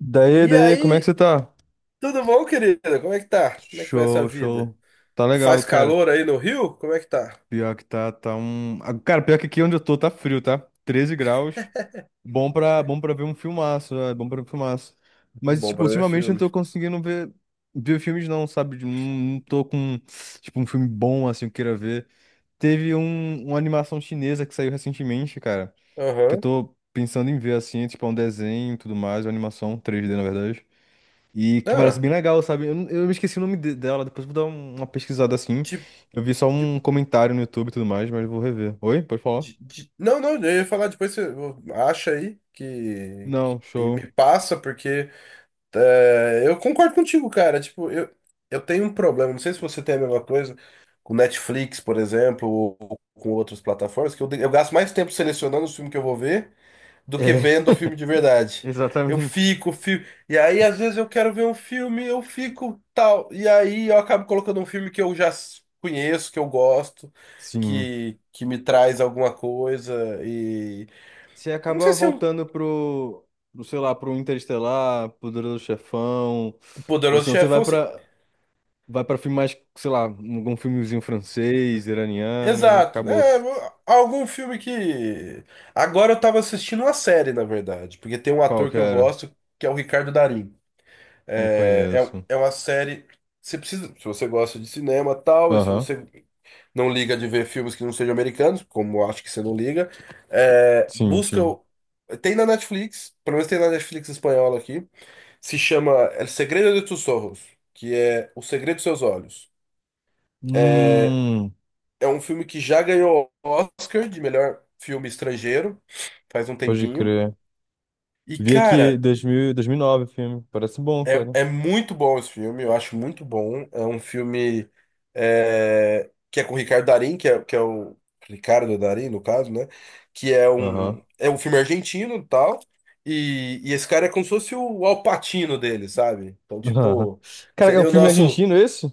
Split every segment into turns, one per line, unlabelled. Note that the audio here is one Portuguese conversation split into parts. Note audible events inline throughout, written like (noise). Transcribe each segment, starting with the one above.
Daí,
E
daí, como é que
aí,
você tá?
tudo bom, querida? Como é que tá? Como é que vai essa
Show,
vida?
show. Tá legal,
Faz
cara.
calor aí no Rio? Como é que tá?
Pior que tá, tá um. Ah, cara, pior que aqui onde eu tô tá frio, tá? 13 graus. Bom pra ver um filmaço, é bom pra ver um filmaço. Mas,
Bom
tipo,
pra ver
ultimamente eu não
filme.
tô conseguindo ver filmes, não, sabe? Não, tô com, tipo, um filme bom, assim, que eu queira ver. Teve uma animação chinesa que saiu recentemente, cara, que eu
Aham.
tô pensando em ver, assim, tipo, é um desenho e tudo mais, uma animação 3D, na verdade. E que parece
Ah,
bem legal, sabe? Eu me esqueci o nome dela, depois vou dar uma pesquisada assim.
tipo.
Eu vi só
De,
um comentário no YouTube e tudo mais, mas vou rever. Oi? Pode falar?
Não, não, eu ia falar depois, você acha aí
Não,
e
show.
me passa, porque eu concordo contigo, cara. Tipo, eu tenho um problema, não sei se você tem a mesma coisa, com Netflix, por exemplo, ou com outras plataformas, que eu gasto mais tempo selecionando os filmes que eu vou ver do que
É,
vendo o filme de
(laughs)
verdade. Eu
exatamente.
fico, fico. E aí, às vezes, eu quero ver um filme, eu fico tal. E aí, eu acabo colocando um filme que eu já conheço, que eu gosto,
Sim.
que me traz alguma coisa. E.
Você
Não sei
acaba
se é um
voltando pro, sei lá, pro Interestelar, pro Poderoso Chefão, ou
Poderoso
senão você vai
Chefão.
pra, vai pra filme mais, sei lá, algum filmezinho francês, iraniano, e
Exato.
acabou.
É, algum filme que. Agora eu tava assistindo uma série, na verdade, porque tem um
Qual
ator
que
que eu
era?
gosto, que é o Ricardo Darín.
Não
É,
conheço.
é, é uma série. Você precisa, se você gosta de cinema, tal, e se
Aham.
você não liga de ver filmes que não sejam americanos, como eu acho que você não liga. É,
Sim,
busca.
sim.
Tem na Netflix, pelo menos tem na Netflix espanhola aqui, se chama El Segredo de Tus Ojos, que é O Segredo dos Seus Olhos.
Hum,
É um filme que já ganhou Oscar de melhor filme estrangeiro, faz um
pode
tempinho.
crer.
E,
Vi aqui
cara,
2000, nove o filme. Parece bom,
É,
cara.
é muito bom esse filme, eu acho muito bom. É um filme que é com o Ricardo Darín, que é o Ricardo Darín, no caso, né? Que é
Aham.
um filme argentino e tal. E esse cara é como se fosse o Al Pacino dele, sabe? Então,
Aham.
tipo,
Cara, é um
seria o
filme
nosso.
argentino esse?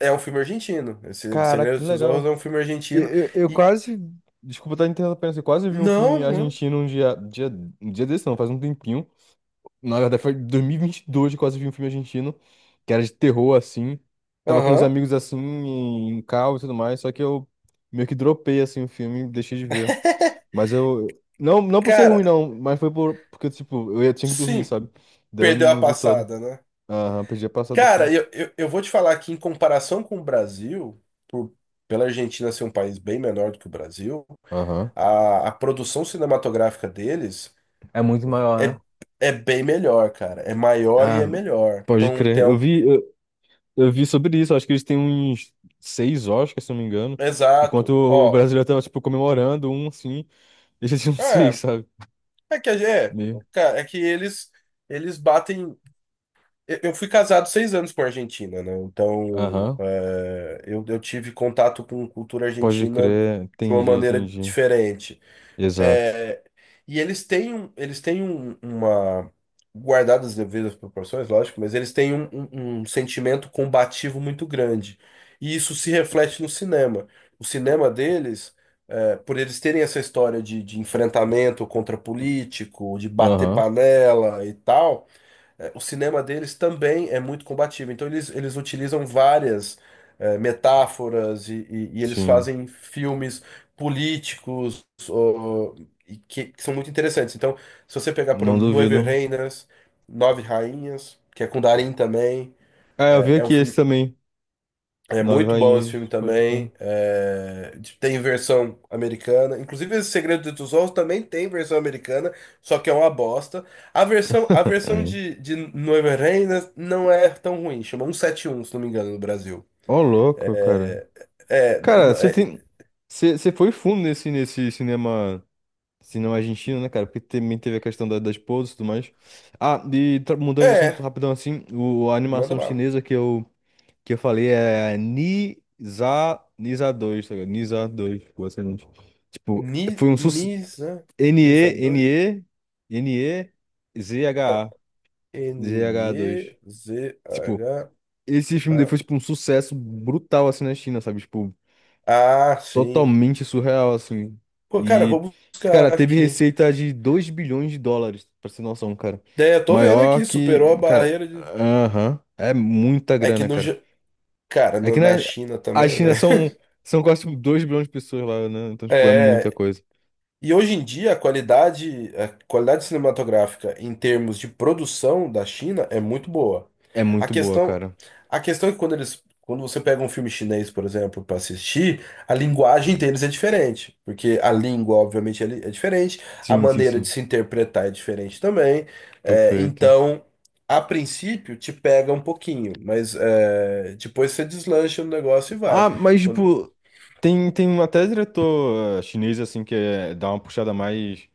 É um filme argentino. Esse O
Caraca, que
Segredo dos Olhos
legal.
é um filme argentino.
Eu
E.
quase. Desculpa estar interrompendo, eu quase vi um filme
Não, mano.
argentino um dia desse, não, faz um tempinho. Na verdade, foi em 2022 que eu quase vi um filme argentino, que era de terror, assim. Tava com uns
Aham.
amigos, assim, em carro e tudo mais, só que eu meio que dropei, assim, o filme e deixei de ver. Mas eu. Não, não por ser ruim,
Cara,
não, mas foi porque, tipo, eu ia, tinha que dormir,
sim,
sabe? Daí eu
perdeu a
não vi todo.
passada, né?
Aham, perdi a passada assim.
Cara, eu vou te falar que, em comparação com o Brasil, por- pela Argentina ser um país bem menor do que o Brasil,
Aham.
a produção cinematográfica deles
É muito maior, né?
é, é bem melhor, cara. É maior e
Ah,
é melhor.
pode
Então, tem
crer. Eu
algo.
vi, eu, eu vi sobre isso. Acho que eles têm uns seis Oscars, se não me engano. Enquanto
Exato.
o
Ó,
brasileiro tava, tipo, comemorando um, assim. Eles já tinham (laughs) seis,
é,
sabe?
é que a
Meio.
cara, é que eles batem. Eu fui casado 6 anos com a Argentina, né? Então,
Aham.
eu tive contato com cultura
Pode
argentina
crer.
de uma
Entendi,
maneira
entendi.
diferente.
Exato.
E eles têm, eles têm uma. Guardadas as devidas proporções, lógico, mas eles têm um sentimento combativo muito grande. E isso se reflete no cinema. O cinema deles, por eles terem essa história de, enfrentamento contra político, de bater
Aham.
panela e tal, o cinema deles também é muito combativo. Então eles utilizam várias metáforas e eles
Sim.
fazem filmes políticos, ó, e que são muito interessantes. Então, se você pegar, por
Não
exemplo, Nove
duvido.
Reinas, Nove Rainhas, que é com Darin também,
Ah, eu
é,
vi
é um
aqui esse
filme,
também.
é
Nove
muito bom esse
Rainhas.
filme
Pode crer.
também. Tem versão americana. Inclusive, esse Segredo dos Olhos também tem versão americana, só que é uma bosta. A versão
Hum.
de Noiva Reina não é tão ruim. Chama 171, se não me engano, no Brasil.
Ó, louco, cara.
É. É.
Cara, você tem. Você foi fundo nesse cinema. Cinema argentino, né, cara? Porque também teve a questão da esposa e tudo mais. Ah, e
É.
mudando de assunto rapidão assim, a
Manda
animação
bala.
chinesa que eu falei é Nisa, Nisa dois, tá ligado? Nisa 2, pô, excelente. Tipo,
Ni,
foi um sucesso.
Nisa. Nisa
N-E,
2?
N-E, N-E, Z-H-A, Z-H-A 2. Tipo,
Nezha.
esse filme depois, tipo, um sucesso brutal assim na China, sabe? Tipo,
Ah, sim.
totalmente surreal, assim.
Pô, cara, eu
E,
vou
cara,
buscar
teve
aqui.
receita de 2 bilhões de dólares, pra você ter noção, cara.
É, eu tô vendo
Maior
aqui,
que,
superou a
cara,
barreira de.
aham, é muita
É que
grana,
no.
cara.
Cara,
É que na
na China
a
também,
China
velho.
são quase tipo, 2 bilhões de pessoas lá, né? Então, tipo, é muita
É.
coisa.
E hoje em dia a qualidade cinematográfica em termos de produção da China é muito boa.
É
A
muito boa,
questão,
cara.
a questão é que quando você pega um filme chinês, por exemplo, para assistir, a linguagem deles é diferente, porque a língua, obviamente, é é diferente, a
Sim, sim,
maneira de
sim.
se interpretar é diferente também.
Perfeito.
Então, a princípio, te pega um pouquinho, mas depois você deslancha no negócio e vai.
Ah, mas,
Quando-
tipo, tem um até diretor chinês, assim, que é, dá uma puxada mais.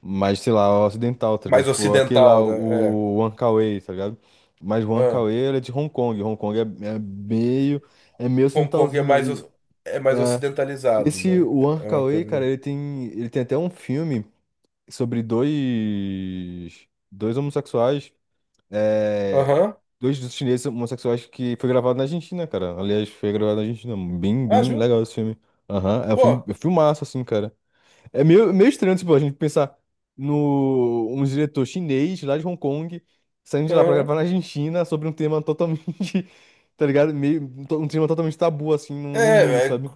mais, sei lá, ocidental, tá ligado?
mais
Tipo, aquele lá,
ocidental, né?
o Wan Kar-wai, tá ligado? Mas o Wan
É.
Kar-wai, ele é de Hong Kong. Hong Kong é meio, é meio
Hong Kong é
ocidentalzinho.
mais,
E,
oc- é mais
é,
ocidentalizado,
esse
né?
Wan
É uma
Kar-wai,
coisa,
cara,
né?
ele tem até um filme sobre dois homossexuais, é,
Aham.
dois chineses homossexuais que foi gravado na Argentina, cara. Aliás, foi gravado na Argentina. Bem,
Ah,
bem
juro?
legal esse filme. Aham, é um filme,
Pô,
é um filmaço, assim, cara. É meio, meio estranho, tipo, a gente pensar no um diretor chinês lá de Hong Kong saindo de lá pra
aham.
gravar na Argentina sobre um tema totalmente, (laughs) tá ligado? Meio, um tema totalmente tabu, assim, no mundo,
É, é
sabe?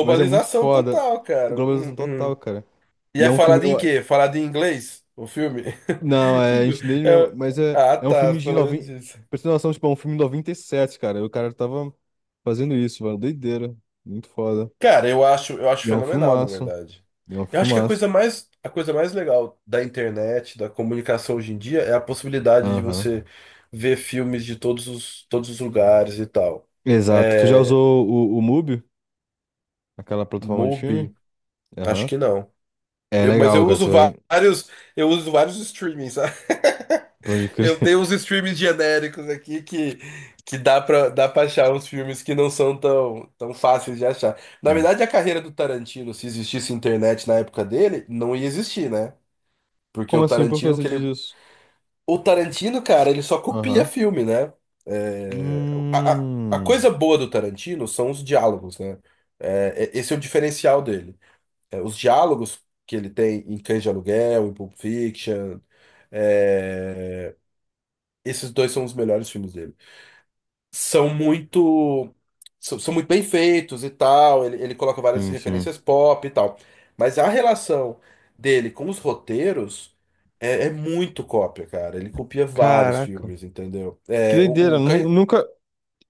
Mas é muito foda.
total, cara.
Globalização total,
Hum.
cara.
E
E é
é
um filme.
falado em quê? Falado em inglês? O filme?
Não,
(laughs)
é em
Tipo,
chinês mesmo,
é-
mas é,
Ah,
é um
tá,
filme de
pelo menos
noventa.
isso.
Pra você ter noção, tipo, é um filme de 97, cara. O cara tava fazendo isso, mano. Doideira. Muito foda.
Cara, eu acho
E é um
fenomenal, na
filmaço.
verdade.
E é um
Eu acho que a
filmaço.
coisa mais, a coisa mais legal da internet, da comunicação hoje em dia, é a possibilidade de
Aham.
você ver filmes de todos os lugares e tal.
Exato. Tu já
É,
usou o Mubi? Aquela plataforma de
Mubi?
filme?
Acho
Aham.
que não.
É
Mas
legal,
eu
cara.
uso
Você vai.
vários streamings, sabe? (laughs)
Pode crer.
Eu tenho uns
(laughs)
streamings genéricos aqui que, dá pra achar uns filmes que não são tão, tão fáceis de achar. Na
Sim.
verdade, a carreira do Tarantino, se existisse internet na época dele, não ia existir, né? Porque
Como
o
assim? Por que
Tarantino,
você
que
diz
ele...
isso?
O Tarantino, cara, ele só copia
Aham.
filme, né? É, a
Hum.
coisa boa do Tarantino são os diálogos, né? Esse é o diferencial dele. Os diálogos que ele tem em Cães de Aluguel, em Pulp Fiction, é, esses dois são os melhores filmes dele. São muito, são muito bem feitos e tal. Ele coloca várias
Sim, sim.
referências pop e tal. Mas a relação dele com os roteiros é muito cópia, cara. Ele copia vários
Caraca.
filmes, entendeu?
Que
É,
doideira.
o
Nu-
Cães-
Nunca,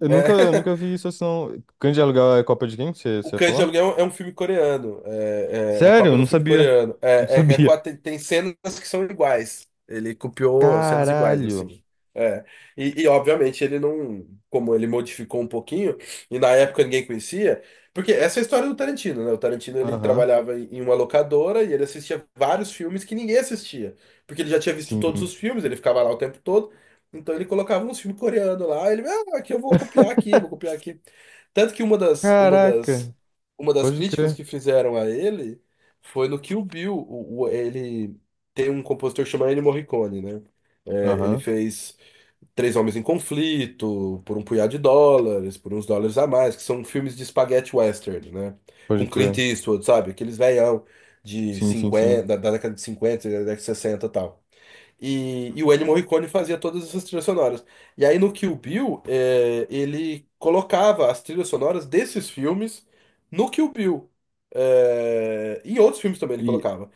eu nunca, eu
é.
nunca
(laughs)
vi isso assim, não. Grande aluguel é Copa de quem? Você,
O
você ia
Cães de
falar?
Aluguel é um filme coreano. É a
Sério?
cópia
Eu
do
não
filme
sabia.
coreano.
Não sabia.
Tem, tem cenas que são iguais. Ele copiou cenas iguais,
Caralho.
assim. É. Obviamente ele não. Como ele modificou um pouquinho, e na época ninguém conhecia. Porque essa é a história do Tarantino, né? O Tarantino ele
Aham.
trabalhava em uma locadora e ele assistia vários filmes que ninguém assistia. Porque ele já tinha visto todos
Sim.
os filmes, ele ficava lá o tempo todo. Então ele colocava uns filmes coreanos lá. Ele, ah, aqui eu vou copiar aqui, vou copiar
(laughs)
aqui. Tanto que
Caraca.
uma das
Pode
críticas
crer.
que fizeram a ele foi no Kill Bill. Ele tem um compositor que chama Ennio Morricone, né? É, ele
Aham.
fez Três Homens em Conflito, por um punhado de dólares, por uns dólares a mais, que são filmes de spaghetti western, né?
Pode
Com Clint
crer.
Eastwood, sabe? Aqueles velhão de
Sim, sim,
50
sim.
da década de cinquenta, da década de 60 e tal. E o Ennio Morricone fazia todas essas trilhas sonoras. E aí no Kill Bill, é, ele colocava as trilhas sonoras desses filmes no Kill Bill. É, em outros filmes também ele
E.
colocava.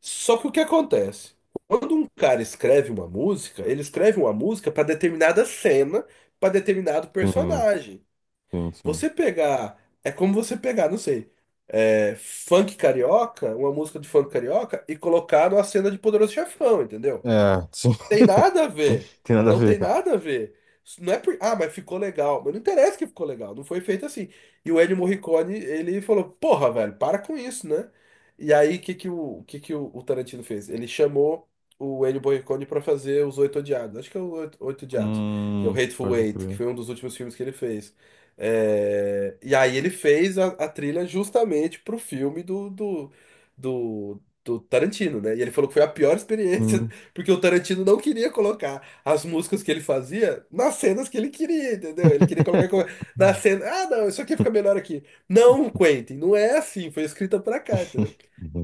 Só que o que acontece? Quando um cara escreve uma música, ele escreve uma música para determinada cena, para determinado
Sim,
personagem.
sim, sim.
Você pegar. É como você pegar, não sei, funk carioca, uma música de funk carioca, e colocar numa cena de Poderoso Chefão, entendeu?
É, sim.
Tem
(laughs)
nada a ver.
Tem nada a
Não tem
ver.
nada a ver. Isso não é por... Ah, mas ficou legal. Mas não interessa que ficou legal. Não foi feito assim. E o Ennio Morricone, ele falou, porra, velho, para com isso, né? E aí, o que que o Tarantino fez? Ele chamou o Ennio Morricone pra fazer Os Oito Odiados. Acho que é o Oito, Oito Odiados. Que é o Hateful
Pode
Eight, que
crer.
foi um dos últimos filmes que ele fez. E aí ele fez a trilha justamente pro filme do Tarantino, né? E ele falou que foi a pior (laughs) experiência
Hum.
porque o Tarantino não queria colocar as músicas que ele fazia nas cenas que ele queria, entendeu? Ele queria colocar na
(laughs)
cena. Ah, não, isso aqui fica melhor aqui. Não, Quentin, não é assim. Foi escrita pra cá, entendeu?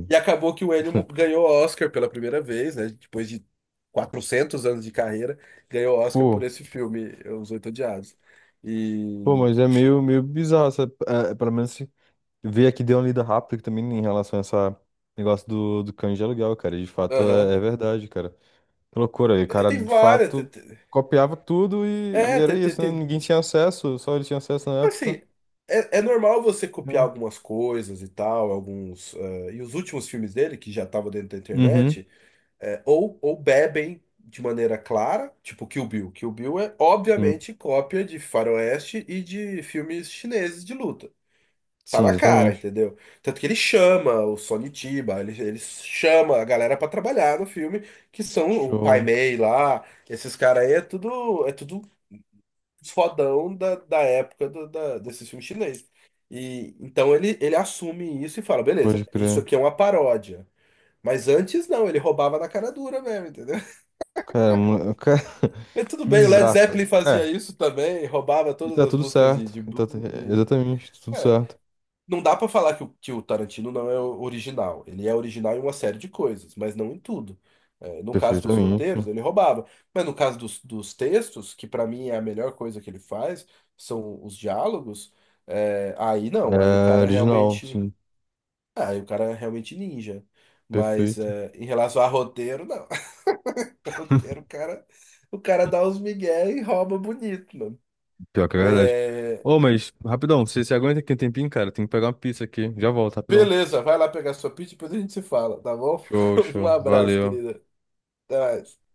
E acabou que o Ennio ganhou o Oscar pela primeira vez, né? Depois de 400 anos de carreira, ganhou o Oscar por
Pô,
esse filme, Os Oito Odiados.
pô,
E.
mas é meio, meio bizarro, sabe? É, pelo menos se ver aqui deu uma lida rápida que também em relação a essa negócio do cães de aluguel, cara. E de fato
Aham.
é verdade, cara. Que loucura. E o
É,
cara,
tem
de
várias.
fato, copiava tudo e
É,
era
tem, tem,
isso, né?
tem
Ninguém tinha acesso, só ele tinha acesso na época.
assim, é normal você copiar
É.
algumas coisas e tal, alguns. E os últimos filmes dele, que já estavam dentro da
Uhum.
internet, ou bebem de maneira clara, tipo Kill Bill. Kill Bill é,
Sim,
obviamente, cópia de faroeste e de filmes chineses de luta. Tá
sim,
na cara,
exatamente.
entendeu? Tanto que ele chama o Sonny Chiba, ele chama a galera pra trabalhar no filme, que são o Pai
Show.
Mei lá, esses caras aí é tudo fodão da época desses filmes chineses. E então ele assume isso e fala:
Pode
beleza, isso
crer.
aqui é uma paródia. Mas antes não, ele roubava na cara dura mesmo, entendeu? (laughs)
Cara, mano, cara, (laughs)
Mas tudo
que
bem, o Led
bizarro.
Zeppelin fazia
É,
isso também, roubava
e
todas
tá
as
tudo
músicas de,
certo. E tá
blues. E...
exatamente, tá tudo
É,
certo.
não dá pra falar que o Tarantino não é original. Ele é original em uma série de coisas, mas não em tudo. É, no caso dos
Perfeitamente.
roteiros, ele roubava. Mas no caso dos textos, que pra mim é a melhor coisa que ele faz, são os diálogos, aí não. Aí o
É
cara
original,
realmente.
sim.
Aí o cara é realmente ninja. Mas
Perfeito.
em relação a roteiro, não. (laughs) Roteiro, o cara dá uns migué e rouba bonito, mano.
Pior que é verdade.
É,
Ô, mas, rapidão, você aguenta aqui um tempinho, cara? Tem que pegar uma pizza aqui. Já volto, rapidão.
beleza, vai lá pegar sua pizza e depois a gente se fala, tá bom?
Show,
(laughs) Um
show.
abraço,
Valeu.
querida. Até mais.